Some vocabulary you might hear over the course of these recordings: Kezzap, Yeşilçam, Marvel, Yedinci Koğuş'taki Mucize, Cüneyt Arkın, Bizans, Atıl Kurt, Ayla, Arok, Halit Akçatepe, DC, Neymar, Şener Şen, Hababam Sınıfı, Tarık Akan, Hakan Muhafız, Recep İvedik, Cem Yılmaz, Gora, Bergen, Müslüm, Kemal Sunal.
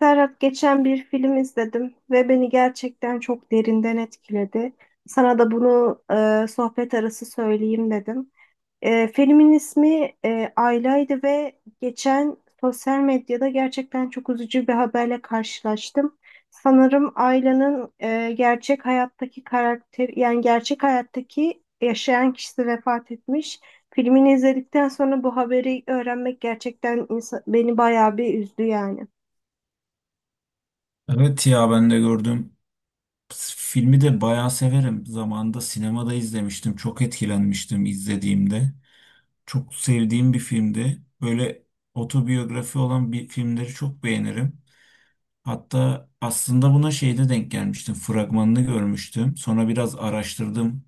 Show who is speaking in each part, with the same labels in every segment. Speaker 1: Serhat geçen bir film izledim ve beni gerçekten çok derinden etkiledi. Sana da bunu sohbet arası söyleyeyim dedim. Filmin ismi Ayla'ydı ve geçen sosyal medyada gerçekten çok üzücü bir haberle karşılaştım. Sanırım Ayla'nın gerçek hayattaki karakter, yani gerçek hayattaki yaşayan kişisi vefat etmiş. Filmini izledikten sonra bu haberi öğrenmek gerçekten beni bayağı bir üzdü yani.
Speaker 2: Evet ya ben de gördüm. Filmi de bayağı severim. Zamanında sinemada izlemiştim. Çok etkilenmiştim izlediğimde. Çok sevdiğim bir filmdi. Böyle otobiyografi olan bir filmleri çok beğenirim. Hatta aslında buna şeyde denk gelmiştim. Fragmanını görmüştüm. Sonra biraz araştırdım.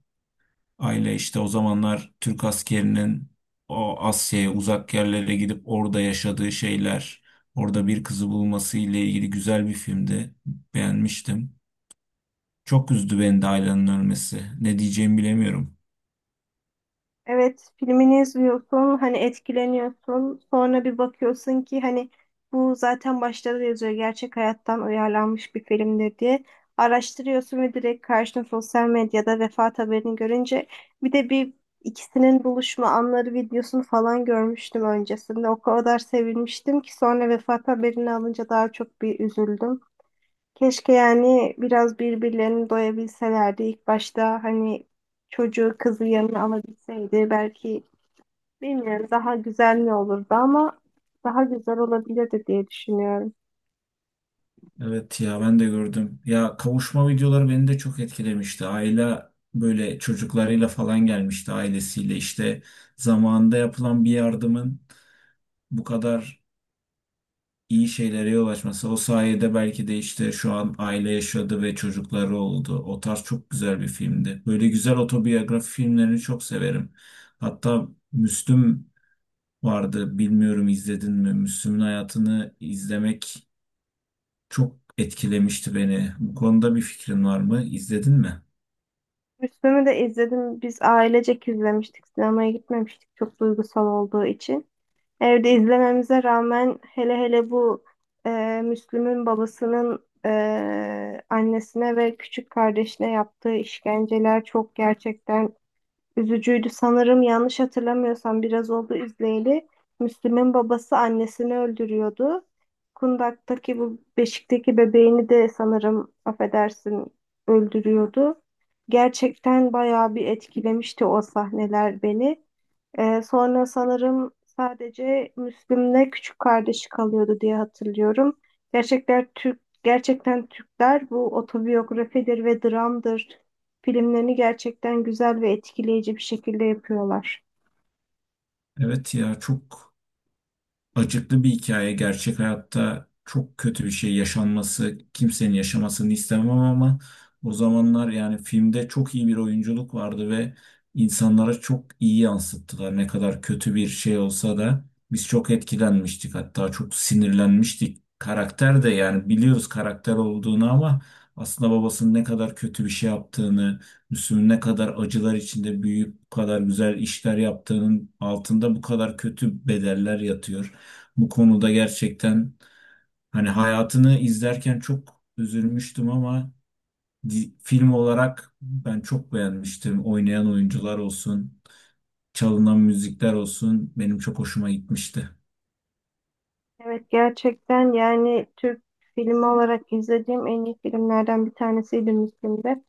Speaker 2: Aile işte o zamanlar Türk askerinin o Asya'ya uzak yerlere gidip orada yaşadığı şeyler, orada bir kızı bulması ile ilgili güzel bir filmdi. Beğenmiştim. Çok üzdü beni de Ayla'nın ölmesi. Ne diyeceğimi bilemiyorum.
Speaker 1: Evet, filmini izliyorsun, hani etkileniyorsun. Sonra bir bakıyorsun ki hani bu zaten başta da yazıyor gerçek hayattan uyarlanmış bir filmdir diye. Araştırıyorsun ve direkt karşına sosyal medyada vefat haberini görünce bir de bir ikisinin buluşma anları videosunu falan görmüştüm öncesinde. O kadar sevinmiştim ki sonra vefat haberini alınca daha çok bir üzüldüm. Keşke yani biraz birbirlerini doyabilselerdi. İlk başta hani çocuğu kızı yanına alabilseydi belki bilmiyorum daha güzel mi olurdu ama daha güzel olabilirdi diye düşünüyorum.
Speaker 2: Evet ya ben de gördüm. Ya kavuşma videoları beni de çok etkilemişti. Ayla böyle çocuklarıyla falan gelmişti ailesiyle. İşte zamanında yapılan bir yardımın bu kadar iyi şeylere yol açması. O sayede belki de işte şu an aile yaşadı ve çocukları oldu. O tarz çok güzel bir filmdi. Böyle güzel otobiyografi filmlerini çok severim. Hatta Müslüm vardı. Bilmiyorum izledin mi? Müslüm'ün hayatını izlemek çok etkilemişti beni. Bu konuda bir fikrin var mı? İzledin mi?
Speaker 1: Müslüm'ü de izledim. Biz ailecek izlemiştik. Sinemaya gitmemiştik çok duygusal olduğu için. Evde izlememize rağmen hele hele bu e, Müslüm'ün babasının annesine ve küçük kardeşine yaptığı işkenceler çok gerçekten üzücüydü. Sanırım yanlış hatırlamıyorsam biraz oldu izleyeli. Müslüm'ün babası annesini öldürüyordu. Kundak'taki bu beşikteki bebeğini de sanırım affedersin öldürüyordu. Gerçekten bayağı bir etkilemişti o sahneler beni. Sonra sanırım sadece Müslüm'le küçük kardeşi kalıyordu diye hatırlıyorum. Gerçekten Türkler bu otobiyografidir ve dramdır. Filmlerini gerçekten güzel ve etkileyici bir şekilde yapıyorlar.
Speaker 2: Evet ya çok acıklı bir hikaye. Gerçek hayatta çok kötü bir şey yaşanması, kimsenin yaşamasını istemem ama o zamanlar yani filmde çok iyi bir oyunculuk vardı ve insanlara çok iyi yansıttılar. Ne kadar kötü bir şey olsa da biz çok etkilenmiştik, hatta çok sinirlenmiştik. Karakter de, yani biliyoruz karakter olduğunu, ama aslında babasının ne kadar kötü bir şey yaptığını, Müslüm'ün ne kadar acılar içinde büyüyüp bu kadar güzel işler yaptığının altında bu kadar kötü bedeller yatıyor. Bu konuda gerçekten hani hayatını izlerken çok üzülmüştüm ama film olarak ben çok beğenmiştim. Oynayan oyuncular olsun, çalınan müzikler olsun benim çok hoşuma gitmişti.
Speaker 1: Evet gerçekten yani Türk filmi olarak izlediğim en iyi filmlerden bir tanesiydi Müslüm'de.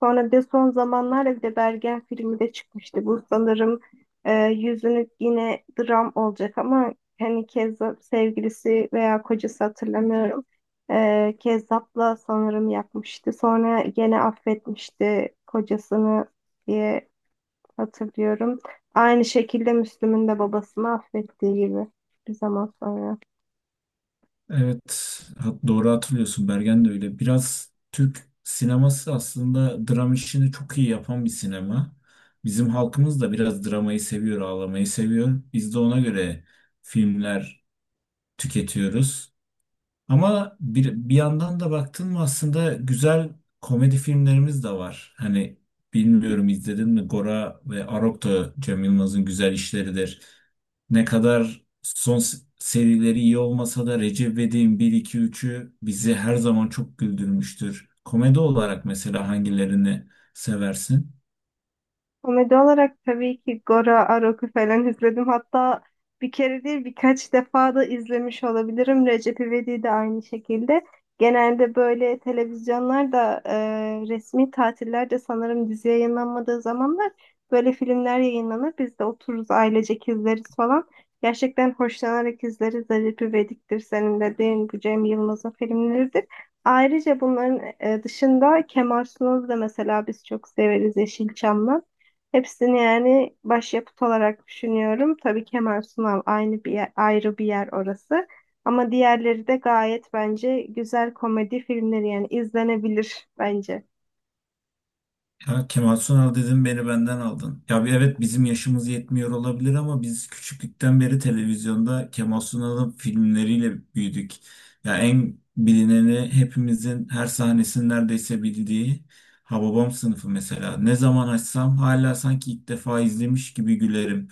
Speaker 1: Sonra bir de son zamanlarda bir de Bergen filmi de çıkmıştı. Bu sanırım yüzünü yine dram olacak ama hani Kezzap sevgilisi veya kocası hatırlamıyorum. Kezzap'la sanırım yapmıştı. Sonra gene affetmişti kocasını diye hatırlıyorum. Aynı şekilde Müslüm'ün de babasını affettiği gibi bir zaman sonra.
Speaker 2: Evet, doğru hatırlıyorsun, Bergen de öyle. Biraz Türk sineması aslında dram işini çok iyi yapan bir sinema. Bizim halkımız da biraz dramayı seviyor, ağlamayı seviyor. Biz de ona göre filmler tüketiyoruz. Ama bir yandan da baktın mı aslında güzel komedi filmlerimiz de var. Hani bilmiyorum izledin mi, Gora ve Arok da Cem Yılmaz'ın güzel işleridir. Ne kadar son serileri iyi olmasa da Recep İvedik'in 1-2-3'ü bizi her zaman çok güldürmüştür. Komedi olarak mesela hangilerini seversin?
Speaker 1: Komedi olarak tabii ki Gora, Arok'u falan izledim. Hatta bir kere değil birkaç defa da izlemiş olabilirim. Recep İvedik'i de aynı şekilde. Genelde böyle televizyonlarda resmi tatillerde sanırım dizi yayınlanmadığı zamanlar böyle filmler yayınlanır. Biz de otururuz ailecek izleriz falan. Gerçekten hoşlanarak izleriz. Recep İvedik'tir senin dediğin bu Cem Yılmaz'ın filmleridir. Ayrıca bunların dışında Kemal Sunal'ı da mesela biz çok severiz Yeşilçam'la. Hepsini yani başyapıt olarak düşünüyorum. Tabii Kemal Sunal aynı ayrı bir yer orası. Ama diğerleri de gayet bence güzel komedi filmleri yani izlenebilir bence.
Speaker 2: Ya Kemal Sunal dedim, beni benden aldın. Ya bir, evet bizim yaşımız yetmiyor olabilir ama biz küçüklükten beri televizyonda Kemal Sunal'ın filmleriyle büyüdük. Ya en bilineni, hepimizin her sahnesini neredeyse bildiği Hababam Sınıfı mesela. Ne zaman açsam hala sanki ilk defa izlemiş gibi gülerim.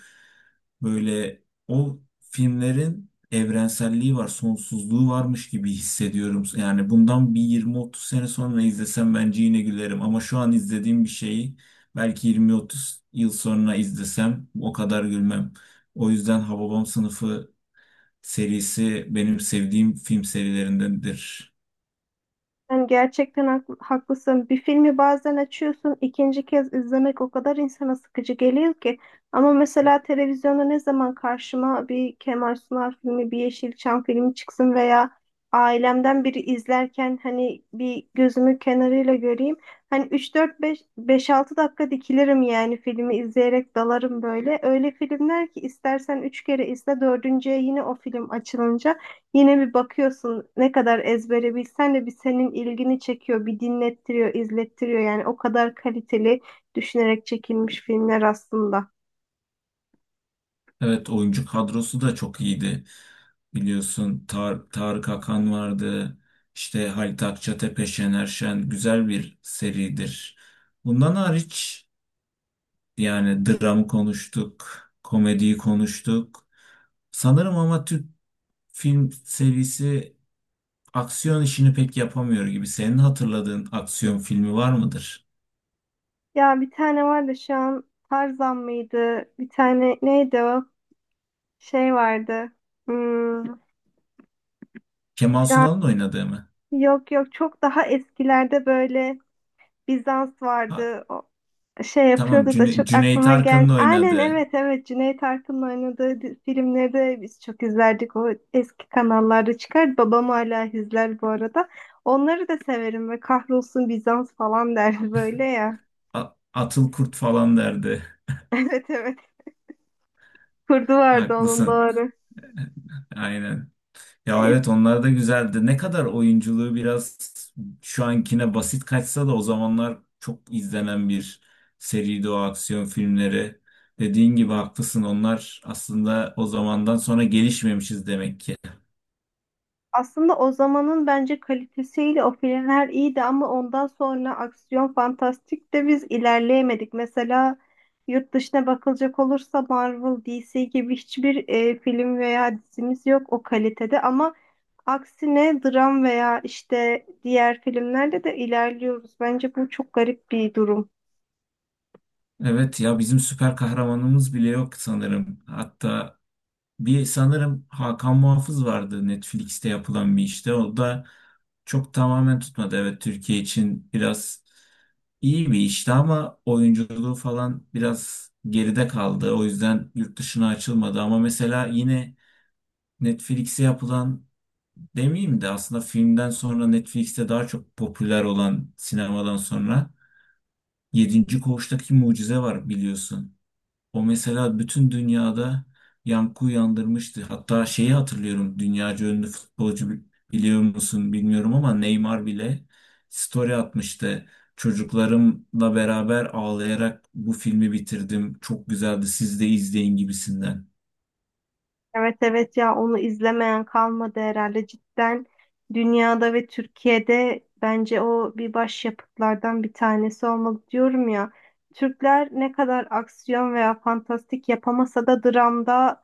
Speaker 2: Böyle o filmlerin evrenselliği var, sonsuzluğu varmış gibi hissediyorum. Yani bundan bir 20-30 sene sonra izlesem bence yine gülerim. Ama şu an izlediğim bir şeyi belki 20-30 yıl sonra izlesem o kadar gülmem. O yüzden Hababam Sınıfı serisi benim sevdiğim film serilerindendir.
Speaker 1: Yani gerçekten haklısın. Bir filmi bazen açıyorsun, ikinci kez izlemek o kadar insana sıkıcı geliyor ki. Ama mesela televizyonda ne zaman karşıma bir Kemal Sunal filmi, bir Yeşilçam filmi çıksın veya ailemden biri izlerken hani bir gözümü kenarıyla göreyim. Hani üç dört beş beş altı dakika dikilirim yani filmi izleyerek dalarım böyle. Öyle filmler ki istersen 3 kere izle, dördüncüye yine o film açılınca yine bir bakıyorsun ne kadar ezbere bilsen de bir senin ilgini çekiyor, bir dinlettiriyor, izlettiriyor. Yani o kadar kaliteli düşünerek çekilmiş filmler aslında.
Speaker 2: Evet, oyuncu kadrosu da çok iyiydi. Biliyorsun Tarık Akan vardı. İşte Halit Akçatepe, Şener Şen, güzel bir seridir. Bundan hariç, yani dram konuştuk, komediyi konuştuk. Sanırım ama Türk film serisi aksiyon işini pek yapamıyor gibi. Senin hatırladığın aksiyon filmi var mıdır?
Speaker 1: Ya bir tane vardı şu an Tarzan mıydı? Bir tane neydi o? Şey vardı. Hmm,
Speaker 2: Kemal
Speaker 1: Şu an
Speaker 2: Sunal'ın oynadığı mı?
Speaker 1: yok yok, çok daha eskilerde böyle Bizans
Speaker 2: Ha,
Speaker 1: vardı. Şey
Speaker 2: tamam,
Speaker 1: yapıyordu da çok
Speaker 2: Cüneyt
Speaker 1: aklıma
Speaker 2: Arkın'ın
Speaker 1: gel. Aynen
Speaker 2: oynadığı.
Speaker 1: evet evet Cüneyt Arkın'ın oynadığı filmleri de biz çok izlerdik. O eski kanallarda çıkar. Babam hala izler bu arada. Onları da severim ve kahrolsun Bizans falan der böyle ya.
Speaker 2: Atıl Kurt falan derdi.
Speaker 1: Evet evet. Kurdu vardı onun,
Speaker 2: Haklısın.
Speaker 1: doğru.
Speaker 2: Aynen. Ya
Speaker 1: E,
Speaker 2: evet, onlar da güzeldi. Ne kadar oyunculuğu biraz şu ankine basit kaçsa da o zamanlar çok izlenen bir seriydi o aksiyon filmleri. Dediğin gibi haklısın, onlar aslında o zamandan sonra gelişmemişiz demek ki.
Speaker 1: Aslında o zamanın bence kalitesiyle o filmler iyiydi ama ondan sonra aksiyon fantastik de biz ilerleyemedik. Mesela yurt dışına bakılacak olursa Marvel, DC gibi hiçbir film veya dizimiz yok o kalitede ama aksine dram veya işte diğer filmlerde de ilerliyoruz. Bence bu çok garip bir durum.
Speaker 2: Evet ya, bizim süper kahramanımız bile yok sanırım. Hatta bir sanırım Hakan Muhafız vardı, Netflix'te yapılan bir işte. O da çok tamamen tutmadı. Evet, Türkiye için biraz iyi bir işti ama oyunculuğu falan biraz geride kaldı. O yüzden yurt dışına açılmadı. Ama mesela yine Netflix'e yapılan demeyeyim de, aslında filmden sonra Netflix'te daha çok popüler olan, sinemadan sonra Yedinci Koğuş'taki Mucize var biliyorsun. O mesela bütün dünyada yankı uyandırmıştı. Hatta şeyi hatırlıyorum, dünyaca ünlü futbolcu, biliyor musun bilmiyorum ama Neymar bile story atmıştı. Çocuklarımla beraber ağlayarak bu filmi bitirdim. Çok güzeldi. Siz de izleyin gibisinden.
Speaker 1: Evet evet ya onu izlemeyen kalmadı herhalde cidden dünyada ve Türkiye'de bence o bir başyapıtlardan bir tanesi olmalı diyorum ya. Türkler ne kadar aksiyon veya fantastik yapamasa da dramda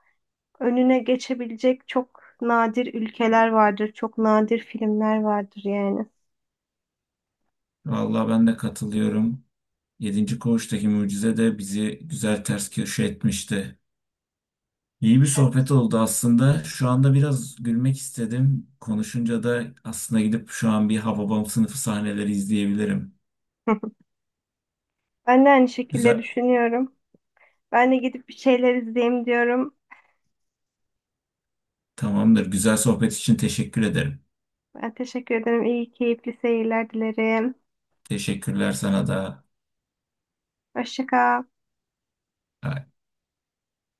Speaker 1: önüne geçebilecek çok nadir ülkeler vardır, çok nadir filmler vardır yani.
Speaker 2: Vallahi ben de katılıyorum. Yedinci Koğuş'taki Mucize de bizi güzel ters köşe etmişti. İyi bir sohbet oldu aslında. Şu anda biraz gülmek istedim. Konuşunca da aslında gidip şu an bir Hababam Sınıfı sahneleri izleyebilirim.
Speaker 1: Ben de aynı şekilde
Speaker 2: Güzel,
Speaker 1: düşünüyorum. Ben de gidip bir şeyler izleyeyim diyorum.
Speaker 2: tamamdır. Güzel sohbet için teşekkür ederim.
Speaker 1: Ben teşekkür ederim. İyi, keyifli seyirler dilerim.
Speaker 2: Teşekkürler sana da.
Speaker 1: Hoşça kal.